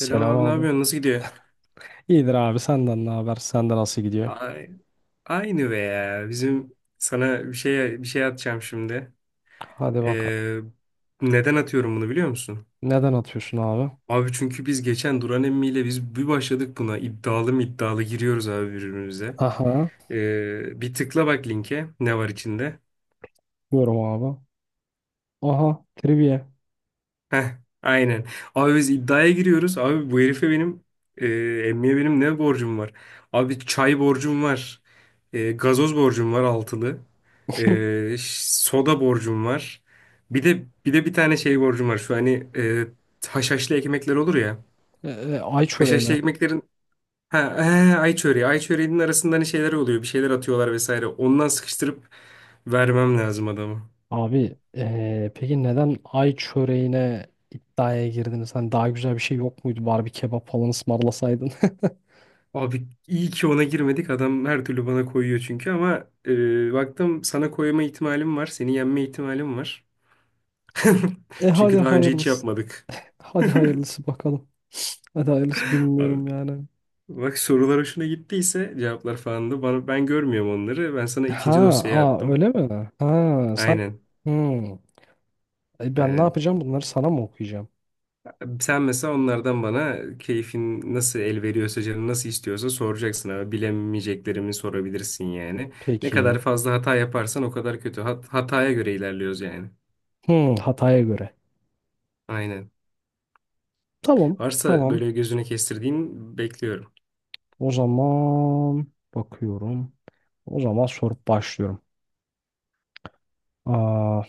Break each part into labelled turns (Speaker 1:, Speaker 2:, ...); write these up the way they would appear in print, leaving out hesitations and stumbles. Speaker 1: Selam abi, ne
Speaker 2: abi.
Speaker 1: yapıyorsun? Nasıl gidiyor?
Speaker 2: İyidir abi, senden ne haber? Sende nasıl gidiyor?
Speaker 1: Ay- Aynı be ya. Bizim sana bir şey atacağım şimdi.
Speaker 2: Hadi bakalım.
Speaker 1: Ee, Neden atıyorum bunu biliyor musun?
Speaker 2: Neden atıyorsun abi?
Speaker 1: Abi çünkü biz geçen Duran emmiyle biz bir başladık buna. İddialı mı iddialı giriyoruz abi birbirimize.
Speaker 2: Aha.
Speaker 1: Bir tıkla bak, linke ne var içinde.
Speaker 2: Diyorum abi. Aha. Trivia.
Speaker 1: Heh, aynen. Abi biz iddiaya giriyoruz. Abi bu herife benim e, emmiye benim ne borcum var? Abi çay borcum var. Gazoz borcum var, altılı. Soda borcum var. Bir de bir tane şey borcum var. Şu, hani haşhaşlı ekmekler olur ya.
Speaker 2: Ay çöreği
Speaker 1: Haşhaşlı
Speaker 2: mi?
Speaker 1: ekmeklerin ha, he, ay çöreği. Ay çöreğinin arasında hani şeyler oluyor. Bir şeyler atıyorlar vesaire. Ondan sıkıştırıp vermem lazım adamı.
Speaker 2: Abi peki neden ay çöreğine iddiaya girdiniz? Hani daha güzel bir şey yok muydu? Bari bir kebap falan ısmarlasaydın.
Speaker 1: Abi iyi ki ona girmedik. Adam her türlü bana koyuyor çünkü, ama baktım sana koyma ihtimalim var. Seni yenme ihtimalim var.
Speaker 2: E hadi
Speaker 1: Çünkü daha önce hiç
Speaker 2: hayırlısı.
Speaker 1: yapmadık.
Speaker 2: Hadi hayırlısı bakalım. Hadi hayırlısı
Speaker 1: Abi,
Speaker 2: bilmiyorum yani.
Speaker 1: bak sorular hoşuna gittiyse cevaplar falan da bana, ben görmüyorum onları. Ben sana
Speaker 2: Ha,
Speaker 1: ikinci dosyayı
Speaker 2: aa
Speaker 1: attım.
Speaker 2: öyle mi? Ha, sen
Speaker 1: Aynen.
Speaker 2: hmm. E, ben ne
Speaker 1: Aynen.
Speaker 2: yapacağım? Bunları sana mı okuyacağım?
Speaker 1: Sen mesela onlardan bana keyfin nasıl el veriyorsa, canın nasıl istiyorsa soracaksın abi. Bilemeyeceklerimi sorabilirsin yani. Ne kadar
Speaker 2: Peki.
Speaker 1: fazla hata yaparsan o kadar kötü. Hataya göre ilerliyoruz yani.
Speaker 2: Hmm, Hatay'a göre.
Speaker 1: Aynen.
Speaker 2: Tamam.
Speaker 1: Varsa
Speaker 2: Tamam.
Speaker 1: böyle gözüne kestirdiğin, bekliyorum.
Speaker 2: O zaman bakıyorum. O zaman sorup başlıyorum. Aa,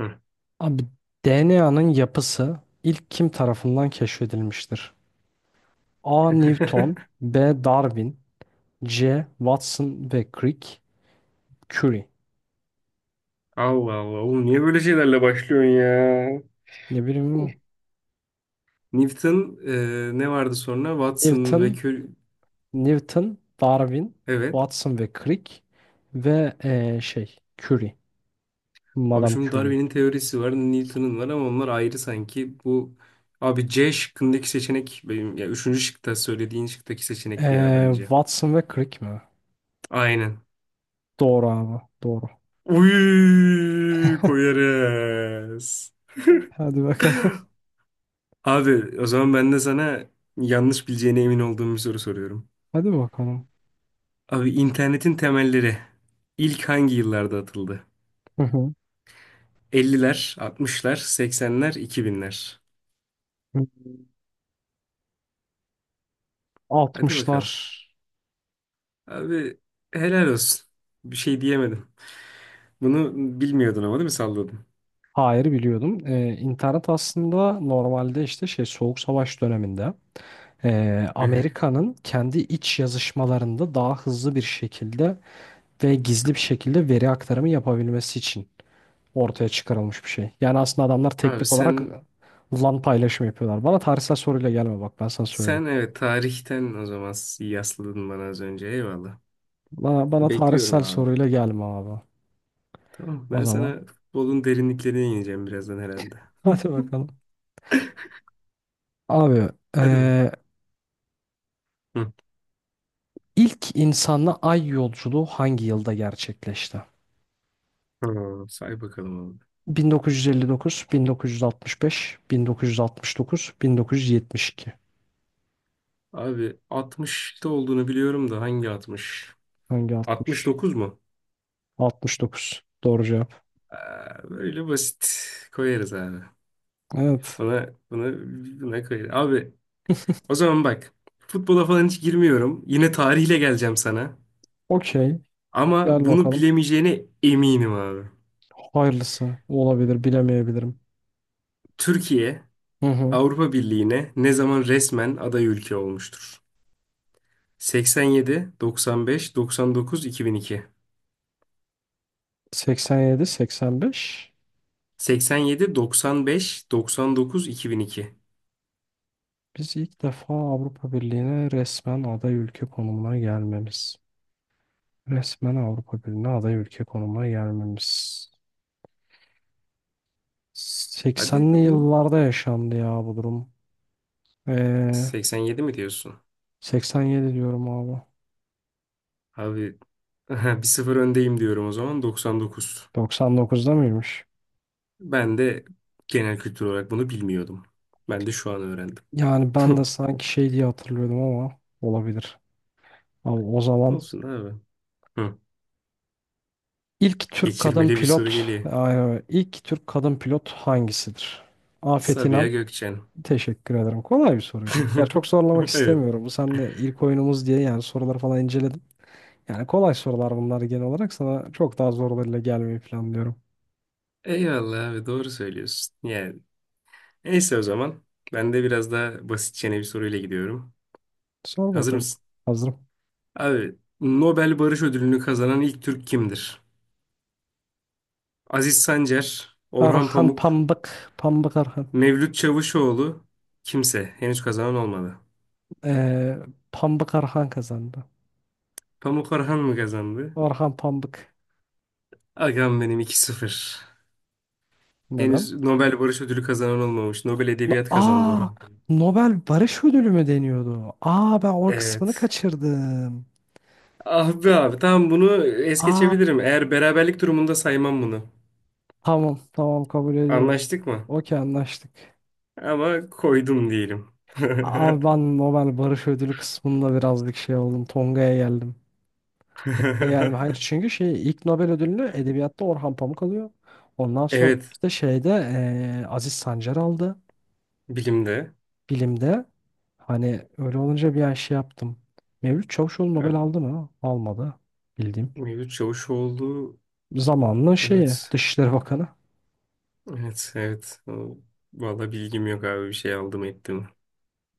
Speaker 1: Hı.
Speaker 2: abi DNA'nın yapısı ilk kim tarafından keşfedilmiştir? A. Newton, B. Darwin, C. Watson ve Crick, Curie.
Speaker 1: Allah Allah oğlum, niye böyle şeylerle başlıyorsun ya?
Speaker 2: Ne bileyim,
Speaker 1: Newton, ne vardı sonra? Watson ve
Speaker 2: Newton,
Speaker 1: Curie.
Speaker 2: Newton, Darwin,
Speaker 1: Evet.
Speaker 2: Watson ve Crick ve Curie.
Speaker 1: Abi
Speaker 2: Madame
Speaker 1: şimdi
Speaker 2: Curie.
Speaker 1: Darwin'in teorisi var, Newton'un var ama onlar ayrı sanki. Bu, abi C şıkkındaki seçenek benim, ya üçüncü şıkta söylediğin şıktaki seçenek bir ya bence.
Speaker 2: Watson ve Crick mi?
Speaker 1: Aynen.
Speaker 2: Doğru abi. Doğru.
Speaker 1: Uy, koyarız.
Speaker 2: Hadi bakalım.
Speaker 1: Abi o zaman ben de sana yanlış bileceğine emin olduğum bir soru soruyorum.
Speaker 2: Hadi bakalım.
Speaker 1: Abi internetin temelleri ilk hangi yıllarda atıldı?
Speaker 2: Hı hı.
Speaker 1: 50'ler, 60'lar, 80'ler, 2000'ler.
Speaker 2: Hı.
Speaker 1: Hadi
Speaker 2: 60'lar.
Speaker 1: bakalım. Abi helal olsun. Bir şey diyemedim. Bunu bilmiyordun ama, değil mi, salladın?
Speaker 2: Hayır, biliyordum. İnternet aslında normalde işte şey Soğuk Savaş döneminde
Speaker 1: Hı hı.
Speaker 2: Amerika'nın kendi iç yazışmalarında daha hızlı bir şekilde ve gizli bir şekilde veri aktarımı yapabilmesi için ortaya çıkarılmış bir şey. Yani aslında adamlar
Speaker 1: Abi
Speaker 2: teknik olarak
Speaker 1: sen
Speaker 2: LAN paylaşımı yapıyorlar. Bana tarihsel soruyla gelme, bak ben sana söyleyeyim.
Speaker 1: sen evet, tarihten o zaman yasladın bana az önce. Eyvallah.
Speaker 2: Bana
Speaker 1: Bekliyorum
Speaker 2: tarihsel
Speaker 1: abi.
Speaker 2: soruyla gelme abi.
Speaker 1: Tamam,
Speaker 2: O
Speaker 1: ben
Speaker 2: zaman.
Speaker 1: sana futbolun derinliklerine ineceğim birazdan herhalde.
Speaker 2: Hadi bakalım. Abi
Speaker 1: Hadi be.
Speaker 2: eee,
Speaker 1: Hı.
Speaker 2: ilk insanla ay yolculuğu hangi yılda gerçekleşti?
Speaker 1: Hı, say bakalım abi.
Speaker 2: 1959, 1965, 1969, 1972.
Speaker 1: Abi 60'ta olduğunu biliyorum da hangi 60?
Speaker 2: Hangi 60?
Speaker 1: 69 mu?
Speaker 2: 69. Doğru cevap.
Speaker 1: Aa, böyle basit koyarız abi.
Speaker 2: Evet.
Speaker 1: Buna, buna, buna koyarız. Abi o zaman bak, futbola falan hiç girmiyorum. Yine tarihle geleceğim sana.
Speaker 2: Okey.
Speaker 1: Ama
Speaker 2: Gel
Speaker 1: bunu
Speaker 2: bakalım.
Speaker 1: bilemeyeceğine eminim abi.
Speaker 2: Hayırlısı, olabilir, bilemeyebilirim.
Speaker 1: Türkiye
Speaker 2: Hı hı.
Speaker 1: Avrupa Birliği'ne ne zaman resmen aday ülke olmuştur? 87, 95, 99, 2002.
Speaker 2: 87, 85.
Speaker 1: 87, 95, 99, 2002.
Speaker 2: Biz ilk defa Avrupa Birliği'ne resmen aday ülke konumuna gelmemiz. Resmen Avrupa Birliği'ne aday ülke konumuna gelmemiz.
Speaker 1: Hadi
Speaker 2: 80'li
Speaker 1: bunu.
Speaker 2: yıllarda yaşandı ya bu durum. Ee,
Speaker 1: 87 mi diyorsun?
Speaker 2: 87 diyorum abi.
Speaker 1: Abi 1-0 öndeyim, diyorum o zaman 99.
Speaker 2: 99'da mıymış?
Speaker 1: Ben de genel kültür olarak bunu bilmiyordum. Ben de şu an öğrendim.
Speaker 2: Yani ben de sanki şey diye hatırlıyordum ama olabilir. Abi o zaman
Speaker 1: Olsun abi. Hı.
Speaker 2: ilk Türk kadın
Speaker 1: Geçirmeli bir soru
Speaker 2: pilot,
Speaker 1: geliyor.
Speaker 2: ay, ilk Türk kadın pilot hangisidir? Afet
Speaker 1: Sabiha
Speaker 2: İnan.
Speaker 1: Gökçen.
Speaker 2: Teşekkür ederim. Kolay bir soruydu. Ya çok zorlamak
Speaker 1: Evet.
Speaker 2: istemiyorum. Bu seninle ilk oyunumuz diye yani soruları falan inceledim. Yani kolay sorular bunlar genel olarak. Sana çok daha zorlarıyla gelmeyi planlıyorum.
Speaker 1: Eyvallah abi, doğru söylüyorsun. Yani neyse o zaman. Ben de biraz daha basitçene bir soruyla gidiyorum.
Speaker 2: Sor
Speaker 1: Hazır
Speaker 2: bakalım.
Speaker 1: mısın?
Speaker 2: Hazırım.
Speaker 1: Abi, Nobel Barış Ödülünü kazanan ilk Türk kimdir? Aziz Sancar, Orhan
Speaker 2: Arhan
Speaker 1: Pamuk,
Speaker 2: Pambık. Pambık Arhan.
Speaker 1: Mevlüt Çavuşoğlu, kimse. Henüz kazanan olmadı.
Speaker 2: Ee, Pambık Arhan kazandı.
Speaker 1: Pamuk Orhan mı kazandı?
Speaker 2: Orhan Pambık.
Speaker 1: Agam benim, 2-0.
Speaker 2: Neden?
Speaker 1: Henüz Nobel Barış Ödülü kazanan olmamış. Nobel Edebiyat kazandı
Speaker 2: Aa,
Speaker 1: Orhan Pamuk.
Speaker 2: Nobel Barış Ödülü mü deniyordu? Aa, ben o kısmını
Speaker 1: Evet.
Speaker 2: kaçırdım.
Speaker 1: Ah be abi, tamam, bunu es
Speaker 2: Aa,
Speaker 1: geçebilirim. Eğer beraberlik durumunda saymam bunu.
Speaker 2: tamam, tamam, kabul ediyorum.
Speaker 1: Anlaştık mı?
Speaker 2: Okey, anlaştık.
Speaker 1: Ama koydum diyelim.
Speaker 2: Abi ben Nobel Barış Ödülü kısmında birazcık şey oldum. Tonga'ya geldim. Tonga'ya geldim. Hayır, çünkü şey ilk Nobel ödülünü edebiyatta Orhan Pamuk alıyor. Ondan sonra
Speaker 1: Evet.
Speaker 2: işte şeyde Aziz Sancar aldı.
Speaker 1: Bilimde.
Speaker 2: Bilimde. Hani öyle olunca bir ay şey yaptım. Mevlüt Çavuşoğlu Nobel
Speaker 1: Evet,
Speaker 2: aldı mı? Almadı. Bildiğim.
Speaker 1: Mevlüt Çavuşoğlu.
Speaker 2: Zamanının şeyi
Speaker 1: Evet.
Speaker 2: Dışişleri Bakanı.
Speaker 1: Evet. Evet. Vallahi bilgim yok abi. Bir şey aldım ettim.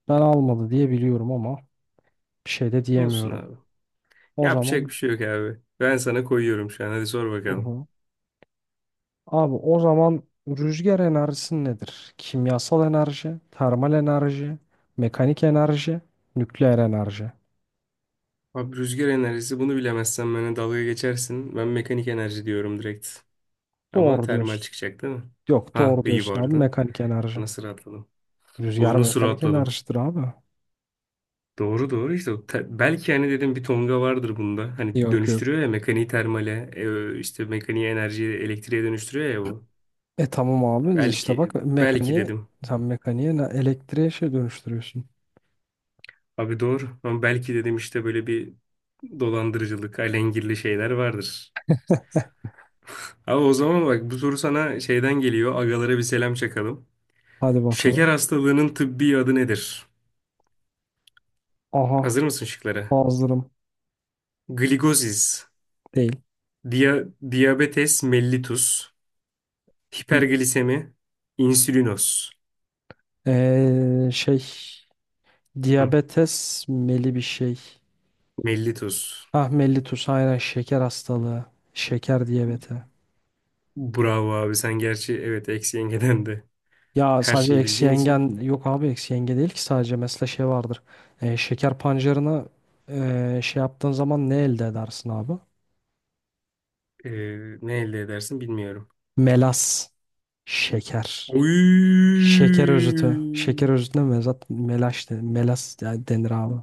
Speaker 2: Ben almadı diye biliyorum ama bir şey de
Speaker 1: Olsun
Speaker 2: diyemiyorum.
Speaker 1: abi.
Speaker 2: O
Speaker 1: Yapacak
Speaker 2: zaman
Speaker 1: bir şey yok abi. Ben sana koyuyorum şu an. Hadi sor
Speaker 2: hı
Speaker 1: bakalım.
Speaker 2: hı. Abi o zaman rüzgar enerjisi nedir? Kimyasal enerji, termal enerji, mekanik enerji, nükleer enerji.
Speaker 1: Abi rüzgar enerjisi, bunu bilemezsen bana dalga geçersin. Ben mekanik enerji diyorum, direkt. Ama
Speaker 2: Doğru
Speaker 1: termal
Speaker 2: diyorsun.
Speaker 1: çıkacak değil mi?
Speaker 2: Yok,
Speaker 1: Ha,
Speaker 2: doğru
Speaker 1: iyi bu
Speaker 2: diyorsun abi,
Speaker 1: arada.
Speaker 2: mekanik enerji.
Speaker 1: Nasıl rahatladım? Oğlum
Speaker 2: Rüzgar
Speaker 1: nasıl
Speaker 2: mekanik
Speaker 1: rahatladım?
Speaker 2: enerjidir abi.
Speaker 1: Doğru doğru işte. Belki hani, dedim, bir tonga vardır bunda. Hani
Speaker 2: Yok yok.
Speaker 1: dönüştürüyor ya mekaniği termale, işte mekaniği, enerjiyi elektriğe dönüştürüyor ya bu.
Speaker 2: E tamam abi, işte
Speaker 1: Belki,
Speaker 2: bak,
Speaker 1: belki
Speaker 2: mekaniğe
Speaker 1: dedim.
Speaker 2: sen, mekaniğe ne, elektriğe şey dönüştürüyorsun.
Speaker 1: Abi doğru. Ama belki dedim, işte böyle bir dolandırıcılık, alengirli şeyler vardır. Abi o zaman bak, bu soru sana şeyden geliyor. Agalara bir selam çakalım.
Speaker 2: Hadi
Speaker 1: Şeker
Speaker 2: bakalım.
Speaker 1: hastalığının tıbbi adı nedir?
Speaker 2: Aha,
Speaker 1: Hazır mısın şıklara?
Speaker 2: hazırım
Speaker 1: Gligozis,
Speaker 2: değil.
Speaker 1: dia diabetes mellitus, hiperglisemi, insülinos.
Speaker 2: Eee şey
Speaker 1: Hı,
Speaker 2: diyabetes meli bir şey.
Speaker 1: mellitus.
Speaker 2: Ah, mellitus, aynen, şeker hastalığı. Şeker diyabeti.
Speaker 1: Bravo abi, sen gerçi, evet, eksi yengeden de
Speaker 2: Ya
Speaker 1: her
Speaker 2: sadece
Speaker 1: şeyi
Speaker 2: eksi
Speaker 1: bildiğin için.
Speaker 2: yengen yok abi, eksi yenge değil ki sadece, mesela şey vardır. Şeker pancarına şey yaptığın zaman ne elde edersin abi?
Speaker 1: Ee, Ne elde edersin bilmiyorum.
Speaker 2: Melas. Şeker.
Speaker 1: Oy!
Speaker 2: Şeker özütü. Şeker özütüne mezat melaş de, melas yani denir abi.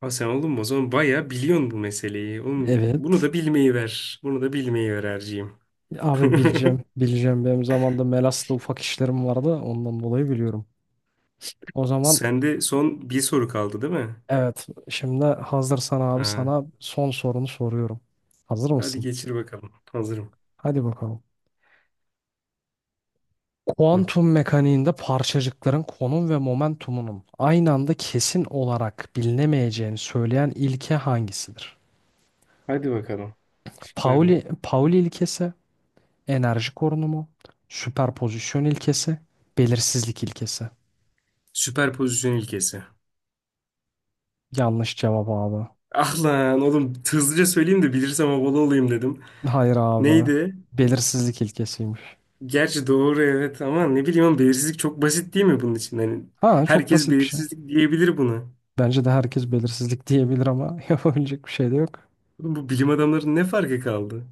Speaker 1: Ha sen oğlum, o zaman bayağı biliyorsun bu meseleyi. Oğlum bunu
Speaker 2: Evet.
Speaker 1: da bilmeyi ver. Bunu da bilmeyi ver Erciğim.
Speaker 2: Abi bileceğim. Bileceğim. Benim zamanında melasla ufak işlerim vardı. Ondan dolayı biliyorum. O zaman
Speaker 1: Sende son bir soru kaldı değil mi?
Speaker 2: evet. Şimdi hazırsan abi
Speaker 1: Ha,
Speaker 2: sana son sorunu soruyorum. Hazır
Speaker 1: hadi
Speaker 2: mısın?
Speaker 1: geçir bakalım. Hazırım.
Speaker 2: Hadi bakalım.
Speaker 1: Hı.
Speaker 2: Kuantum mekaniğinde parçacıkların konum ve momentumunun aynı anda kesin olarak bilinemeyeceğini söyleyen ilke hangisidir?
Speaker 1: Hadi bakalım. Şıklar ne?
Speaker 2: Pauli, Pauli ilkesi, enerji korunumu, süperpozisyon ilkesi, belirsizlik ilkesi.
Speaker 1: Süperpozisyon ilkesi.
Speaker 2: Yanlış cevap abi.
Speaker 1: Ah lan oğlum, hızlıca söyleyeyim de bilirsem havalı olayım dedim.
Speaker 2: Hayır abi.
Speaker 1: Neydi?
Speaker 2: Belirsizlik ilkesiymiş.
Speaker 1: Gerçi doğru, evet, ama ne bileyim oğlum, belirsizlik çok basit değil mi bunun için? Hani
Speaker 2: Ha, çok
Speaker 1: herkes
Speaker 2: basit bir şey.
Speaker 1: belirsizlik diyebilir buna.
Speaker 2: Bence de herkes belirsizlik diyebilir ama yapabilecek bir şey de yok.
Speaker 1: Oğlum bu bilim adamlarının ne farkı kaldı?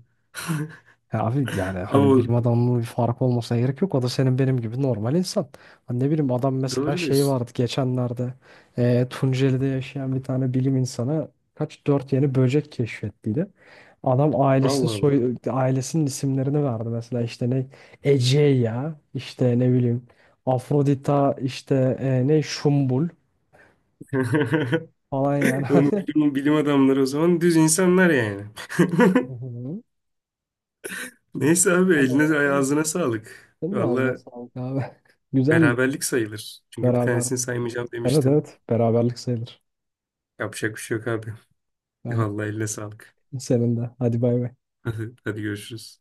Speaker 2: Ya abi, yani
Speaker 1: Ama
Speaker 2: hani
Speaker 1: o,
Speaker 2: bilim adamının bir farkı olmasına gerek yok. O da senin benim gibi normal insan. Hani ne bileyim, adam mesela
Speaker 1: Doğru
Speaker 2: şey
Speaker 1: diyorsun.
Speaker 2: vardı geçenlerde Tunceli'de yaşayan bir tane bilim insanı kaç dört yeni böcek keşfettiydi. Adam ailesini,
Speaker 1: Allah Allah.
Speaker 2: soy ailesinin isimlerini verdi, mesela işte ne Egeya, işte ne bileyim Afrodita, işte ne Şumbul falan yani,
Speaker 1: Oğlum,
Speaker 2: hani
Speaker 1: bilim adamları o zaman düz insanlar yani.
Speaker 2: hı hı.
Speaker 1: Neyse abi,
Speaker 2: Tam olarak
Speaker 1: eline
Speaker 2: öyle.
Speaker 1: ağzına sağlık.
Speaker 2: Senin de ağzına
Speaker 1: Valla
Speaker 2: sağlık abi. Güzel,
Speaker 1: beraberlik sayılır. Çünkü bir
Speaker 2: beraber.
Speaker 1: tanesini saymayacağım
Speaker 2: Evet
Speaker 1: demiştim.
Speaker 2: evet, beraberlik sayılır.
Speaker 1: Yapacak bir şey yok abi.
Speaker 2: Yani
Speaker 1: Vallahi eline sağlık.
Speaker 2: senin de. Hadi bay bay.
Speaker 1: Hadi, hadi görüşürüz.